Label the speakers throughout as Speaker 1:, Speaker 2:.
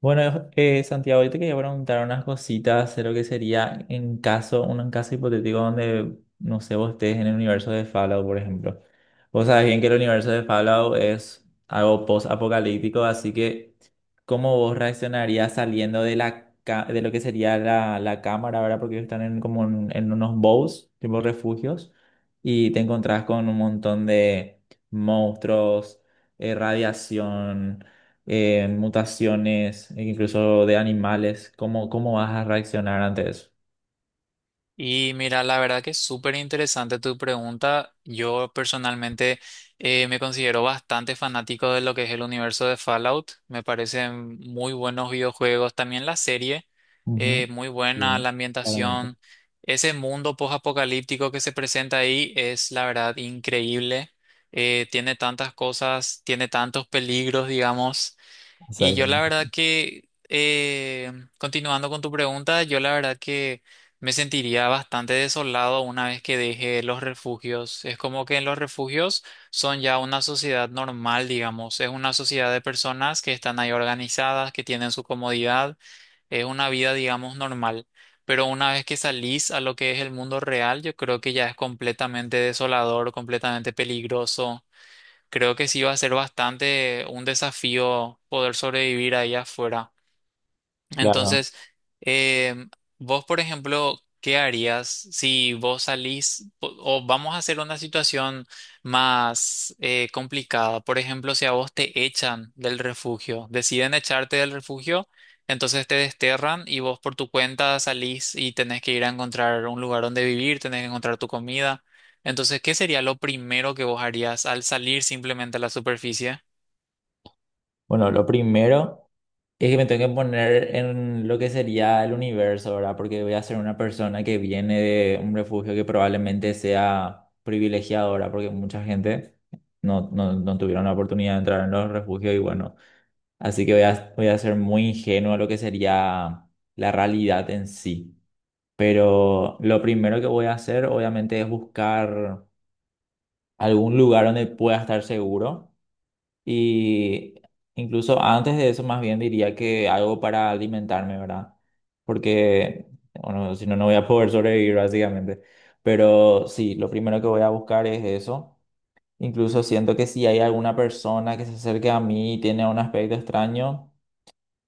Speaker 1: Bueno, Santiago, yo te quería preguntar unas cositas de lo que sería en caso, un caso hipotético donde, no sé, vos estés en el universo de Fallout, por ejemplo. Vos sabés bien que el universo de Fallout es algo post-apocalíptico, así que ¿cómo vos reaccionarías saliendo de de lo que sería la cámara, ¿verdad? Porque ellos están como en unos bows, tipo refugios, y te encontrás con un montón de monstruos, radiación, mutaciones, e incluso de animales. ¿Cómo, cómo vas a reaccionar ante eso?
Speaker 2: Y mira, la verdad que es súper interesante tu pregunta. Yo personalmente me considero bastante fanático de lo que es el universo de Fallout. Me parecen muy buenos videojuegos. También la serie,
Speaker 1: Ujú.
Speaker 2: muy buena
Speaker 1: Bien,
Speaker 2: la
Speaker 1: claramente.
Speaker 2: ambientación. Ese mundo post-apocalíptico que se presenta ahí es, la verdad, increíble. Tiene tantas cosas, tiene tantos peligros, digamos. Y yo la
Speaker 1: Exactamente.
Speaker 2: verdad que, continuando con tu pregunta, yo la verdad que me sentiría bastante desolado una vez que deje los refugios. Es como que en los refugios son ya una sociedad normal, digamos. Es una sociedad de personas que están ahí organizadas, que tienen su comodidad. Es una vida, digamos, normal. Pero una vez que salís a lo que es el mundo real, yo creo que ya es completamente desolador, completamente peligroso. Creo que sí va a ser bastante un desafío poder sobrevivir ahí afuera.
Speaker 1: Claro.
Speaker 2: Entonces, em, vos, por ejemplo, ¿qué harías si vos o vamos a hacer una situación más complicada? Por ejemplo, si a vos te echan del refugio, deciden echarte del refugio, entonces te desterran y vos por tu cuenta salís y tenés que ir a encontrar un lugar donde vivir, tenés que encontrar tu comida. Entonces, ¿qué sería lo primero que vos harías al salir simplemente a la superficie?
Speaker 1: Bueno, lo primero es que me tengo que poner en lo que sería el universo, ¿verdad? Porque voy a ser una persona que viene de un refugio que probablemente sea privilegiadora, porque mucha gente no tuvieron la oportunidad de entrar en los refugios y bueno, así que voy a ser muy ingenuo a lo que sería la realidad en sí. Pero lo primero que voy a hacer, obviamente, es buscar algún lugar donde pueda estar seguro. Y incluso antes de eso, más bien diría que algo para alimentarme, ¿verdad? Porque, bueno, si no, no voy a poder sobrevivir, básicamente. Pero sí, lo primero que voy a buscar es eso. Incluso siento que si hay alguna persona que se acerque a mí y tiene un aspecto extraño,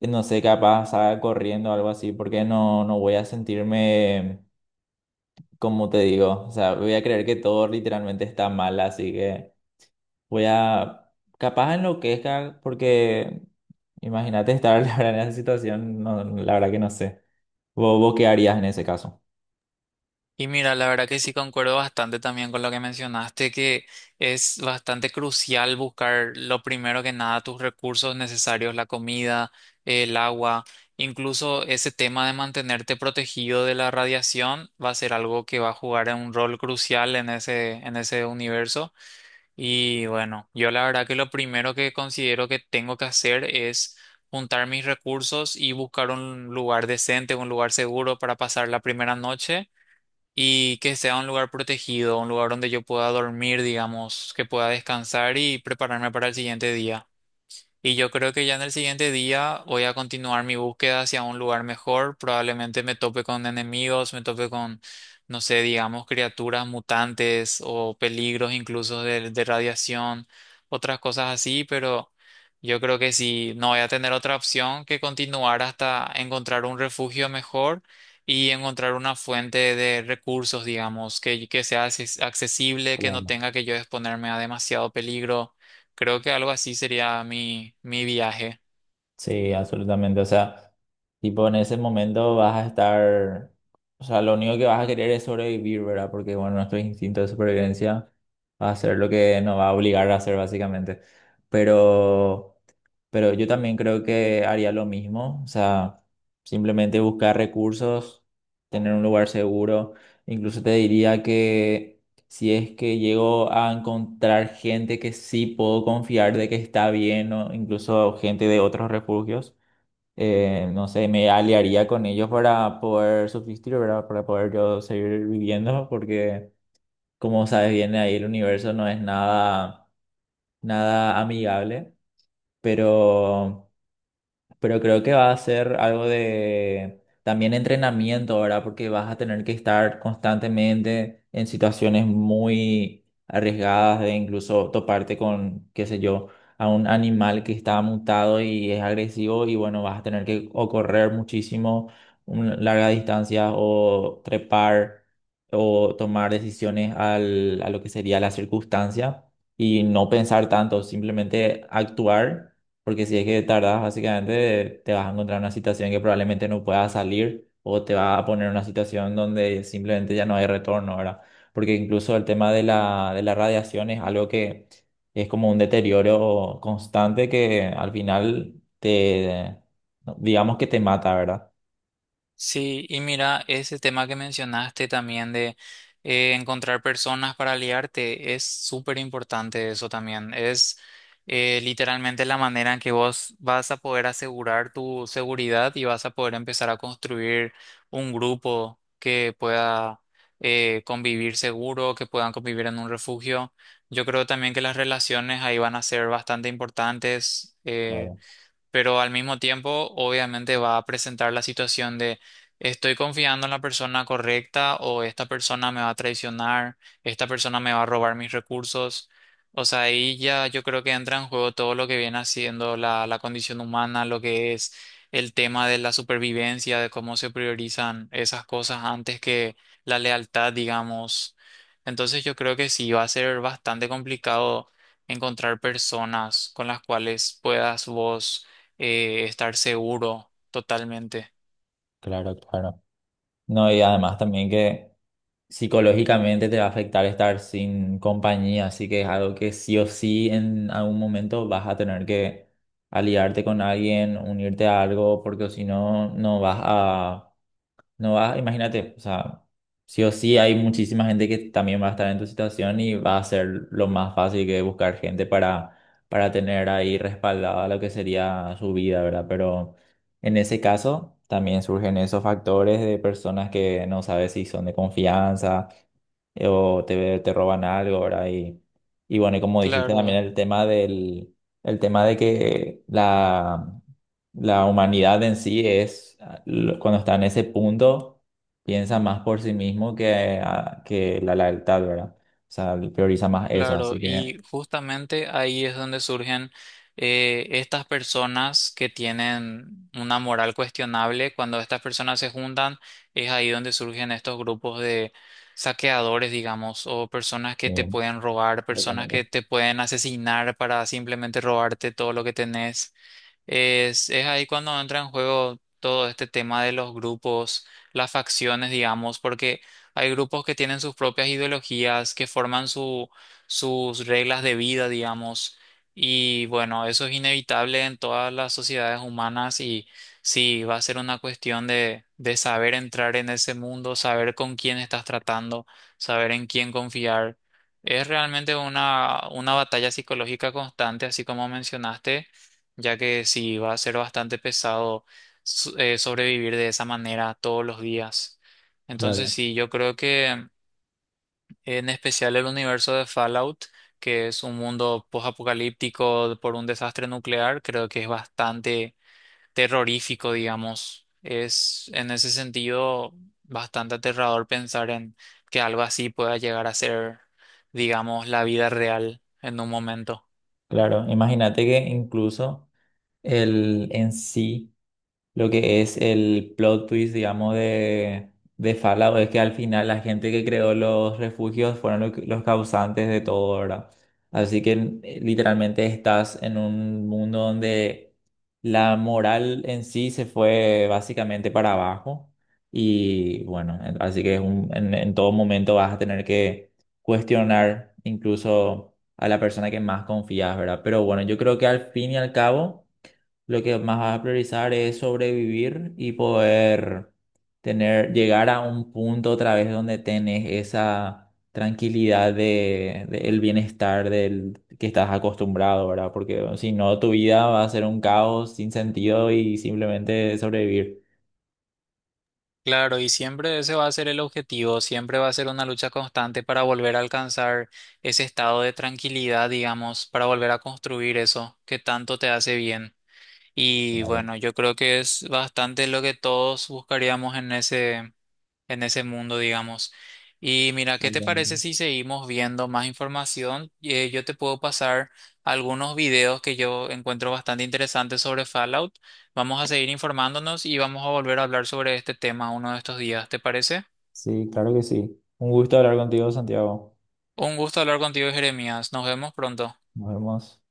Speaker 1: no sé, capaz salga corriendo o algo así, porque no voy a sentirme como te digo, o sea, voy a creer que todo literalmente está mal, así que voy a, capaz enloquezca, porque imagínate estar ahora en esa situación, no, la verdad que no sé. Vos qué harías en ese caso?
Speaker 2: Y mira, la verdad que sí concuerdo bastante también con lo que mencionaste, que es bastante crucial buscar lo primero que nada tus recursos necesarios, la comida, el agua, incluso ese tema de mantenerte protegido de la radiación va a ser algo que va a jugar un rol crucial en ese universo. Y bueno, yo la verdad que lo primero que considero que tengo que hacer es juntar mis recursos y buscar un lugar decente, un lugar seguro para pasar la primera noche y que sea un lugar protegido, un lugar donde yo pueda dormir, digamos, que pueda descansar y prepararme para el siguiente día. Y yo creo que ya en el siguiente día voy a continuar mi búsqueda hacia un lugar mejor. Probablemente me tope con enemigos, me tope con, no sé, digamos, criaturas mutantes o peligros incluso de radiación, otras cosas así, pero yo creo que sí, no voy a tener otra opción que continuar hasta encontrar un refugio mejor y encontrar una fuente de recursos, digamos, que sea accesible, que no
Speaker 1: Claro.
Speaker 2: tenga que yo exponerme a demasiado peligro. Creo que algo así sería mi viaje.
Speaker 1: Sí, absolutamente, o sea, tipo en ese momento vas a estar, o sea, lo único que vas a querer es sobrevivir, ¿verdad? Porque bueno, nuestro instinto de supervivencia va a ser lo que nos va a obligar a hacer básicamente, pero... Pero yo también creo que haría lo mismo, o sea, simplemente buscar recursos, tener un lugar seguro. Incluso te diría que si es que llego a encontrar gente que sí puedo confiar de que está bien, o incluso gente de otros refugios, no sé, me aliaría con ellos para poder subsistir, ¿verdad? Para poder yo seguir viviendo, porque como sabes bien, ahí el universo no es nada, nada amigable, pero... Pero creo que va a ser algo de también entrenamiento, ¿verdad? Porque vas a tener que estar constantemente en situaciones muy arriesgadas de incluso toparte con, qué sé yo, a un animal que está mutado y es agresivo y bueno, vas a tener que o correr muchísimo, larga distancia o trepar o tomar decisiones a lo que sería la circunstancia y no pensar tanto, simplemente actuar, porque si es que tardas, básicamente te vas a encontrar en una situación que probablemente no puedas salir o te va a poner en una situación donde simplemente ya no hay retorno, ¿verdad? Porque incluso el tema de de la radiación es algo que es como un deterioro constante que al final te, digamos que te mata, ¿verdad?
Speaker 2: Sí, y mira, ese tema que mencionaste también de encontrar personas para aliarte es súper importante eso también. Es literalmente la manera en que vos vas a poder asegurar tu seguridad y vas a poder empezar a construir un grupo que pueda convivir seguro, que puedan convivir en un refugio. Yo creo también que las relaciones ahí van a ser bastante importantes.
Speaker 1: Claro,
Speaker 2: Pero al mismo tiempo obviamente va a presentar la situación de estoy confiando en la persona correcta o esta persona me va a traicionar, esta persona me va a robar mis recursos. O sea, ahí ya yo creo que entra en juego todo lo que viene haciendo la condición humana, lo que es el tema de la supervivencia, de cómo se priorizan esas cosas antes que la lealtad, digamos. Entonces yo creo que sí va a ser bastante complicado encontrar personas con las cuales puedas vos estar seguro totalmente.
Speaker 1: claro, claro. No, y además también que psicológicamente te va a afectar estar sin compañía, así que es algo que sí o sí en algún momento vas a tener que aliarte con alguien, unirte a algo, porque o si no, no vas, imagínate, o sea, sí o sí hay muchísima gente que también va a estar en tu situación y va a ser lo más fácil que buscar gente para tener ahí respaldada lo que sería su vida, ¿verdad? Pero... En ese caso, también surgen esos factores de personas que no sabes si son de confianza, te roban algo, ¿verdad? Y bueno, y como dijiste también
Speaker 2: Claro,
Speaker 1: el tema el tema de que la humanidad en sí es, ah, cuando está en ese punto, piensa más por sí mismo que, ah, que la lealtad, ¿verdad? O sea, prioriza más eso,
Speaker 2: claro.
Speaker 1: así que...
Speaker 2: Y justamente ahí es donde surgen estas personas que tienen una moral cuestionable. Cuando estas personas se juntan, es ahí donde surgen estos grupos de saqueadores, digamos, o personas que te
Speaker 1: eh,
Speaker 2: pueden robar, personas
Speaker 1: recomiendo.
Speaker 2: que te pueden asesinar para simplemente robarte todo lo que tenés. Es ahí cuando entra en juego todo este tema de los grupos, las facciones, digamos, porque hay grupos que tienen sus propias ideologías, que forman sus reglas de vida, digamos, y bueno, eso es inevitable en todas las sociedades humanas y sí, va a ser una cuestión de saber entrar en ese mundo, saber con quién estás tratando, saber en quién confiar. Es realmente una batalla psicológica constante, así como mencionaste ya que sí va a ser bastante pesado sobrevivir de esa manera todos los días. Entonces
Speaker 1: Claro,
Speaker 2: sí, yo creo que en especial el universo de Fallout, que es un mundo post-apocalíptico por un desastre nuclear, creo que es bastante terrorífico, digamos. Es en ese sentido bastante aterrador pensar en que algo así pueda llegar a ser, digamos, la vida real en un momento.
Speaker 1: claro. Imagínate que incluso el en sí. Lo que es el plot twist, digamos, de Fallout es que al final la gente que creó los refugios fueron los causantes de todo, ¿verdad? Así que literalmente estás en un mundo donde la moral en sí se fue básicamente para abajo y bueno, así que en todo momento vas a tener que cuestionar incluso a la persona que más confías, ¿verdad? Pero bueno, yo creo que al fin y al cabo... Lo que más vas a priorizar es sobrevivir y poder tener, llegar a un punto otra vez donde tenés esa tranquilidad de el bienestar del que estás acostumbrado, ¿verdad? Porque bueno, si no, tu vida va a ser un caos sin sentido y simplemente sobrevivir.
Speaker 2: Claro, y siempre ese va a ser el objetivo, siempre va a ser una lucha constante para volver a alcanzar ese estado de tranquilidad, digamos, para volver a construir eso que tanto te hace bien. Y
Speaker 1: Claro,
Speaker 2: bueno, yo creo que es bastante lo que todos buscaríamos en ese mundo, digamos. Y mira, ¿qué te parece
Speaker 1: exactamente.
Speaker 2: si seguimos viendo más información? Yo te puedo pasar algunos videos que yo encuentro bastante interesantes sobre Fallout. Vamos a seguir informándonos y vamos a volver a hablar sobre este tema uno de estos días, ¿te parece?
Speaker 1: Sí, claro que sí. Un gusto hablar contigo, Santiago.
Speaker 2: Un gusto hablar contigo, Jeremías. Nos vemos pronto.
Speaker 1: Nos vemos.